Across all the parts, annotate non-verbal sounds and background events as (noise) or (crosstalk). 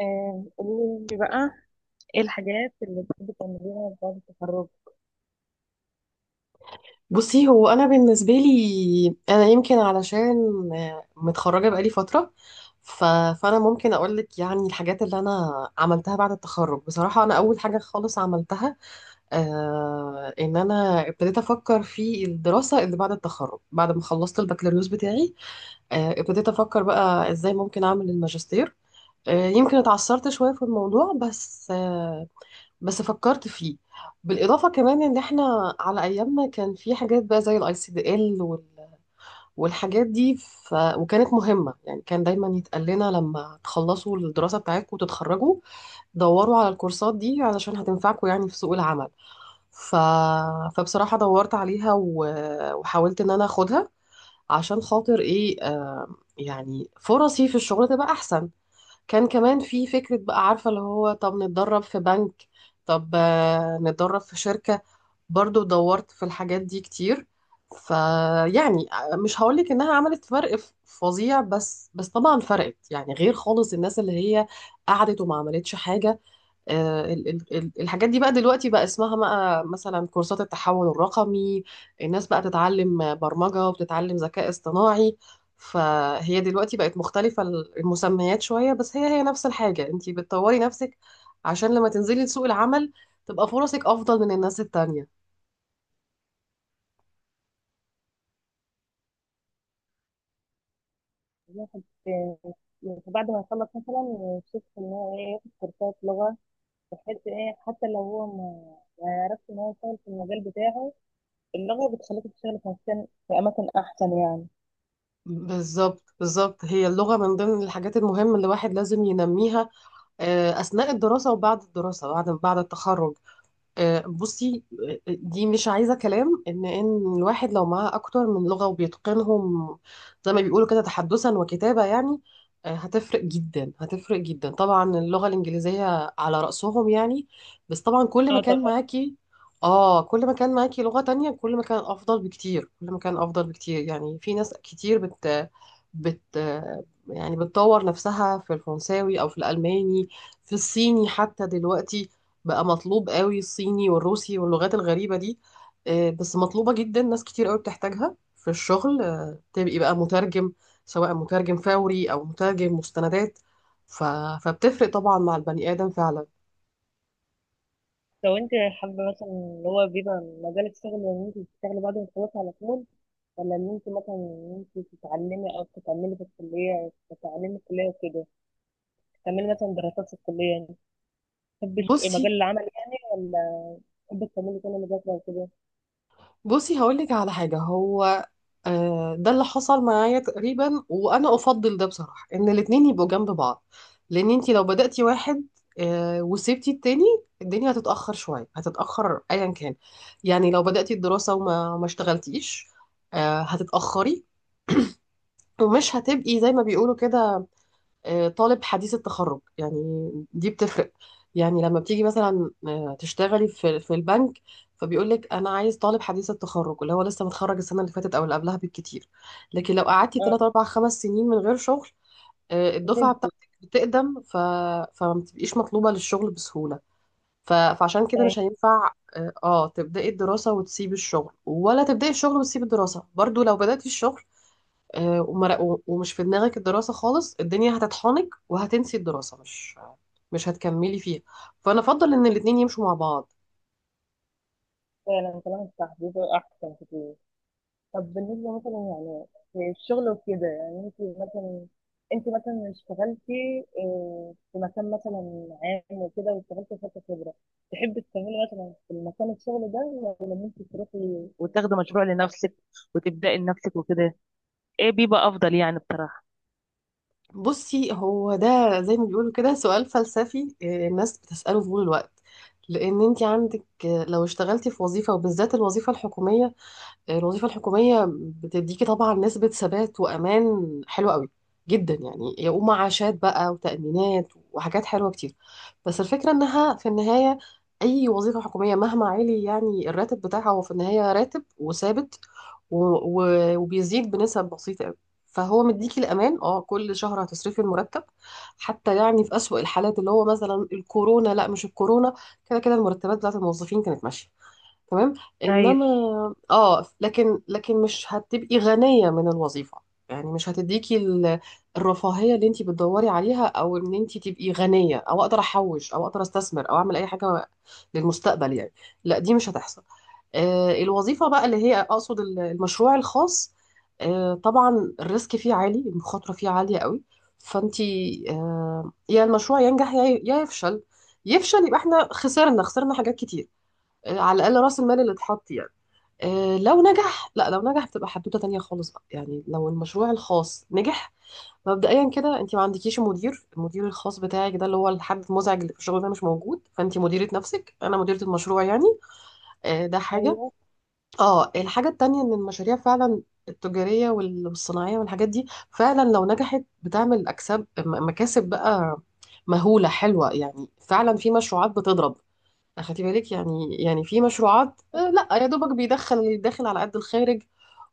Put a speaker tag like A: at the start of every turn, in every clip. A: قولي لي بقى، ايه الحاجات اللي بتحبي تعمليها بعد التخرج؟
B: بصي، هو انا بالنسبه لي انا يمكن علشان متخرجه بقالي فتره. ف... فانا ممكن اقول لك يعني الحاجات اللي انا عملتها بعد التخرج. بصراحه انا اول حاجه خالص عملتها، ان انا ابتديت افكر في الدراسه اللي بعد التخرج بعد ما خلصت البكالوريوس بتاعي. ابتديت افكر بقى ازاي ممكن اعمل الماجستير. يمكن اتعثرت شويه في الموضوع، بس فكرت فيه. بالإضافة كمان إن إحنا على أيامنا كان في حاجات بقى زي الأي سي دي إل والحاجات دي، وكانت مهمة. يعني كان دايما يتقال لنا لما تخلصوا الدراسة بتاعتكم وتتخرجوا دوروا على الكورسات دي علشان هتنفعكم يعني في سوق العمل. ف... فبصراحة دورت عليها وحاولت إن أنا أخدها، عشان خاطر إيه، يعني فرصي في الشغل تبقى أحسن. كان كمان في فكرة بقى، عارفة اللي هو طب نتدرب في بنك، طب نتدرب في شركة. برضو دورت في الحاجات دي كتير. فيعني مش هقولك انها عملت فرق فظيع، بس طبعا فرقت، يعني غير خالص الناس اللي هي قعدت وما عملتش حاجة. الحاجات دي بقى دلوقتي بقى اسمها بقى مثلا كورسات التحول الرقمي. الناس بقى تتعلم برمجة وبتتعلم ذكاء اصطناعي. فهي دلوقتي بقت مختلفة المسميات شوية، بس هي نفس الحاجة، انتي بتطوري نفسك عشان لما تنزلي سوق العمل تبقى فرصك أفضل من الناس التانية.
A: الواحد يعني بعد ما يخلص مثلا يشوف ان هو ايه، ياخد كورسات لغة، بحيث ايه حتى لو هو ما يعرفش ان هو يشتغل في المجال بتاعه، اللغة بتخليك تشتغل في مكان، في اماكن احسن يعني.
B: بالظبط، بالظبط، هي اللغة من ضمن الحاجات المهمة اللي الواحد لازم ينميها، أثناء الدراسة وبعد الدراسة، بعد التخرج. بصي، دي مش عايزة كلام، إن الواحد لو معاه أكتر من لغة وبيتقنهم زي ما بيقولوا كده تحدثا وكتابة يعني، هتفرق جدا، هتفرق جدا. طبعا اللغة الإنجليزية على رأسهم يعني. بس طبعا
A: اه طبعا.
B: كل ما كان معاكي لغة تانية، كل ما كان أفضل بكتير، كل ما كان أفضل بكتير. يعني في ناس كتير بت بت يعني بتطور نفسها في الفرنساوي أو في الألماني، في الصيني حتى. دلوقتي بقى مطلوب قوي الصيني والروسي واللغات الغريبة دي، بس مطلوبة جدا. ناس كتير قوي بتحتاجها في الشغل، تبقي بقى مترجم، سواء مترجم فوري أو مترجم مستندات. ف... فبتفرق طبعا مع البني آدم فعلا.
A: لو انت حابة مثلا اللي هو بيبقى مجالك شغل، ان انت تشتغلي بعد ما تخلصي على طول، ولا ان انت مثلا ان انت تتعلمي او تتعلمي في الكلية، تتعلمي في الكلية وكده، تعملي مثلا دراسات في الكلية، تحبش إيه،
B: بصي،
A: مجال العمل يعني ولا تحبي تكملي كل مذاكرة وكده؟
B: بصي، هقولك على حاجة. هو ده اللي حصل معايا تقريبا، وأنا أفضل ده بصراحة إن الاتنين يبقوا جنب بعض، لأن انتي لو بدأتي واحد وسبتي التاني، الدنيا هتتأخر شوية، هتتأخر أيا كان. يعني لو بدأتي الدراسة وما ما اشتغلتيش، هتتأخري، ومش هتبقي زي ما بيقولوا كده طالب حديث التخرج يعني. دي بتفرق. يعني لما بتيجي مثلا تشتغلي في البنك، فبيقول لك انا عايز طالب حديث التخرج اللي هو لسه متخرج السنه اللي فاتت او اللي قبلها بالكتير، لكن لو قعدتي
A: اه
B: 3 4 5 سنين من غير شغل، الدفعه
A: وتمشي.
B: بتاعتك بتقدم. فما بتبقيش مطلوبه للشغل بسهوله. فعشان كده
A: أي.
B: مش هينفع تبداي الدراسه وتسيبي الشغل، ولا تبداي الشغل وتسيبي الدراسه. برضو لو بداتي الشغل ومش في دماغك الدراسة خالص، الدنيا هتطحنك وهتنسي الدراسة، مش هتكملي فيها. فأنا أفضل إن الاتنين يمشوا مع بعض.
A: فعلا كلامك صح، بيبقى أحسن كتير. طب بالنسبة مثلا يعني في الشغل وكده يعني أنت، مثلا أنت مثلا اشتغلتي في مكان مثلا عام وكده، واشتغلتي فترة خبرة، تحبي تكملي مثلا في المكان الشغل ده، وأنت تروحي وتاخدي مشروع لنفسك وتبدأي لنفسك وكده، ايه بيبقى افضل يعني بصراحة؟
B: بصي، هو ده زي ما بيقولوا كده سؤال فلسفي، الناس بتسأله في طول الوقت، لأن أنت عندك لو اشتغلتي في وظيفة، وبالذات الوظيفة الحكومية. الوظيفة الحكومية بتديكي طبعا نسبة ثبات وأمان حلوة قوي جدا، يعني ومعاشات بقى وتأمينات وحاجات حلوة كتير. بس الفكرة إنها في النهاية، أي وظيفة حكومية مهما عالي يعني الراتب بتاعها، هو في النهاية راتب وثابت، و... و... وبيزيد بنسب بسيطة قوي. فهو مديكي الأمان، كل شهر هتصرفي المرتب. حتى يعني في أسوأ الحالات، اللي هو مثلا الكورونا، لا مش الكورونا، كده كده المرتبات بتاعت الموظفين كانت ماشية تمام.
A: ايوه
B: انما اه لكن مش هتبقي غنية من الوظيفة، يعني مش هتديكي الرفاهية اللي انتي بتدوري عليها، او ان انتي تبقي غنية، او اقدر احوش، او اقدر استثمر، او اعمل اي حاجة للمستقبل يعني. لا، دي مش هتحصل. الوظيفة بقى، اللي هي اقصد المشروع الخاص، طبعا الريسك فيه عالي، المخاطرة فيه عالية قوي. فانتي يا المشروع ينجح، يا يفشل. يفشل يبقى احنا خسرنا، خسرنا حاجات كتير، على الاقل راس المال اللي اتحط يعني. لو نجح، لا لو نجح بتبقى حدوته تانية خالص بقى، يعني لو المشروع الخاص نجح، مبدئيا كده انت ما عندكيش مدير. المدير الخاص بتاعك ده اللي هو الحد المزعج اللي في الشغل، ده مش موجود. فانت مديرة نفسك، انا مديرة المشروع يعني. ده حاجة.
A: ايوه.
B: اه الحاجة التانية ان المشاريع فعلا التجارية والصناعية والحاجات دي، فعلا لو نجحت بتعمل اكساب مكاسب بقى مهولة حلوة. يعني فعلا في مشروعات بتضرب، خدي بالك يعني في مشروعات لا يا دوبك بيدخل، الداخل على قد الخارج،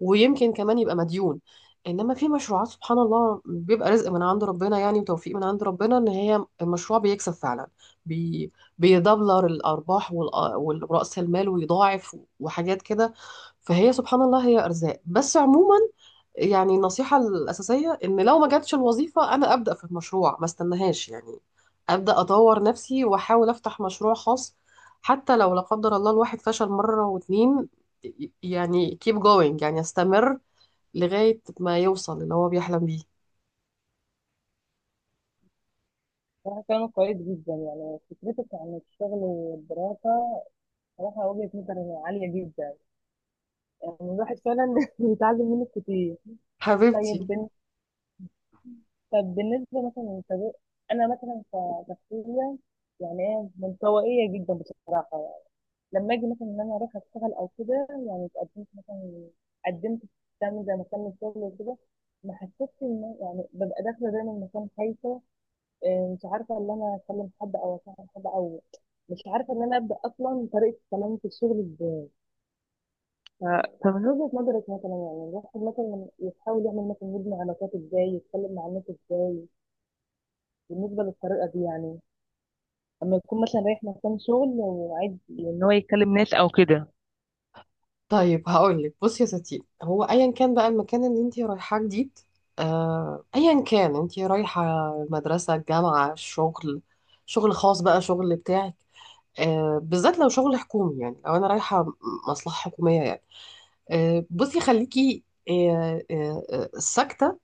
B: ويمكن كمان يبقى مديون. انما في مشروعات سبحان الله بيبقى رزق من عند ربنا يعني، وتوفيق من عند ربنا، ان هي المشروع بيكسب فعلا، بي بيدبلر الارباح والرأس المال، ويضاعف وحاجات كده. فهي سبحان الله هي ارزاق. بس عموما يعني النصيحة الأساسية إن لو ما جاتش الوظيفة، أنا أبدأ في المشروع، ما استناهاش يعني. أبدأ أطور نفسي وأحاول أفتح مشروع خاص، حتى لو لا قدر الله الواحد فشل مرة واتنين، يعني keep going، يعني استمر لغاية ما يوصل اللي هو بيحلم بيه.
A: صراحة كلامك كويس جدا، يعني فكرتك عن الشغل والدراسة صراحة وجهة نظر عالية جدا، يعني الواحد فعلا (laughs) بيتعلم منك كتير. طيب
B: حبيبتي.
A: طب بالنسبة مثلا للطريق، أنا مثلا كشخصية يعني إيه، منطوائية جدا بصراحة. لما أجي مثلا إن أنا أروح أشتغل أو كده، يعني اتقدمت مثلا، قدمت في مكان زي مكان الشغل وكده، ما حسيتش إن يعني ببقى داخلة دايما مكان خايفة، إيه، مش عارفة إن أنا أكلم حد أو أصاحب حد، أو مش عارفة إن أنا أبدأ أصلا طريقة كلامي في الشغل. طب من وجهة نظرك مثلا، يعني الواحد مثلا يحاول يعمل مثلا، يبني علاقات ازاي، يتكلم مع الناس ازاي، بالنسبة للطريقة دي يعني، لما يكون مثلا رايح مكان شغل وعايز ان هو يكلم ناس او كده.
B: طيب هقولك، بصي يا ستي، هو أيا كان بقى المكان اللي انتي رايحاه جديد، أيا كان انتي رايحة: المدرسة، الجامعة، الشغل، شغل خاص بقى، شغل بتاعك، بالذات لو شغل حكومي، يعني لو انا رايحه مصلحه حكوميه يعني. بصي، خليكي ساكته.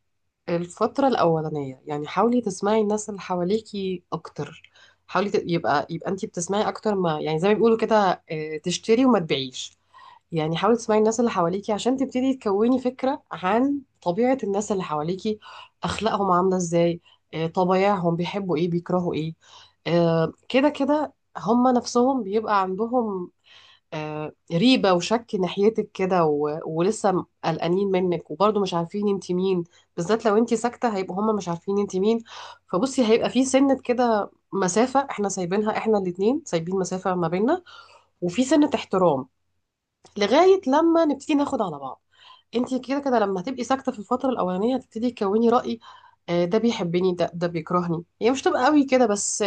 B: الفتره الاولانيه يعني حاولي تسمعي الناس اللي حواليكي اكتر. حاولي ت- يبقى يبقى انت بتسمعي اكتر، ما يعني زي ما بيقولوا كده، تشتري وما تبيعيش. يعني حاولي تسمعي الناس اللي حواليكي عشان تبتدي تكوني فكرة عن طبيعة الناس اللي حواليكي، أخلاقهم عاملة إزاي، طبايعهم بيحبوا إيه بيكرهوا إيه. كده كده، هما نفسهم بيبقى عندهم ريبة وشك ناحيتك كده، ولسه قلقانين منك، وبرضه مش عارفين انت مين. بالذات لو انت ساكتة هيبقوا هما مش عارفين انت مين. فبصي هيبقى في سنة كده مسافة احنا سايبينها، احنا الاتنين سايبين مسافة ما بيننا، وفي سنة احترام، لغايه لما نبتدي ناخد على بعض. انت كده كده لما هتبقي ساكته في الفتره الاولانيه هتبتدي تكوني راي: ده بيحبني، ده بيكرهني. هي مش تبقى قوي كده بس،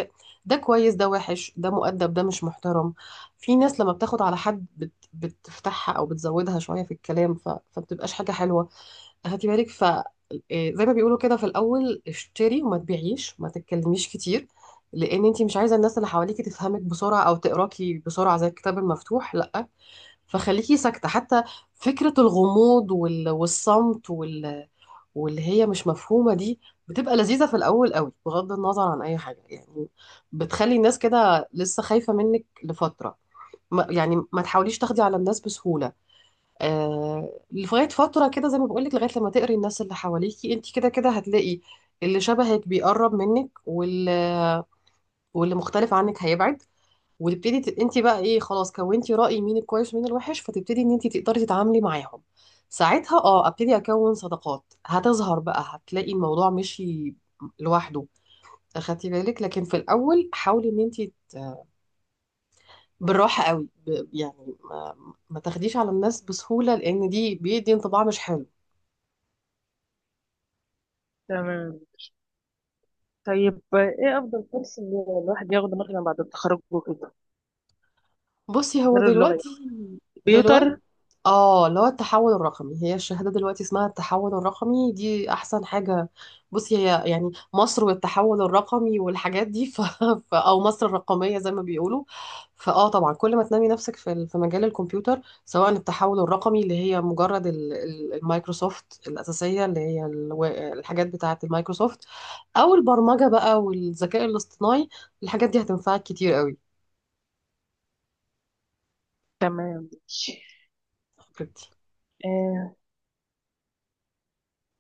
B: ده كويس، ده وحش، ده مؤدب، ده مش محترم. في ناس لما بتاخد على حد بتفتحها او بتزودها شويه في الكلام، فبتبقاش حاجه حلوه. هاتي بالك. ف آه، زي ما بيقولوا كده في الاول اشتري وما تبيعيش وما تتكلميش كتير، لان انت مش عايزه الناس اللي حواليكي تفهمك بسرعه او تقراكي بسرعه زي الكتاب المفتوح، لا. فخليكي ساكتة حتى. فكرة الغموض والصمت واللي هي مش مفهومة دي، بتبقى لذيذة في الأول قوي بغض النظر عن أي حاجة يعني. بتخلي الناس كده لسه خايفة منك لفترة ما. يعني ما تحاوليش تاخدي على الناس بسهولة، لغاية فترة كده، زي ما بقولك لغاية لما تقري الناس اللي حواليكي. انت كده كده هتلاقي اللي شبهك بيقرب منك، واللي مختلف عنك هيبعد، وتبتدي انت بقى ايه، خلاص كونتي رأي مين الكويس ومين الوحش، فتبتدي ان انت تقدري تتعاملي معاهم. ساعتها ابتدي اكون صداقات، هتظهر بقى، هتلاقي الموضوع مشي لوحده. اخدتي بالك؟ لكن في الاول حاولي ان انت بالراحة قوي، يعني ما تاخديش على الناس بسهولة، لان دي بيدي انطباع مش حلو.
A: تمام. طيب ايه افضل كورس اللي الواحد ياخده مثلا بعد التخرج وكده،
B: بصي، هو
A: غير اللغة
B: دلوقتي
A: يعني؟
B: دلوقتي
A: كمبيوتر.
B: اه اللي هو التحول الرقمي، هي الشهادة دلوقتي اسمها التحول الرقمي، دي أحسن حاجة. بصي، هي يعني مصر والتحول الرقمي والحاجات دي (laughs) أو مصر الرقمية زي ما بيقولوا. فاه طبعا كل ما تنمي نفسك في مجال الكمبيوتر، سواء التحول الرقمي اللي هي مجرد المايكروسوفت الأساسية، اللي هي الحاجات بتاعة المايكروسوفت، أو البرمجة بقى والذكاء الاصطناعي. الحاجات دي هتنفعك كتير
A: تمام.
B: قوي.
A: آه،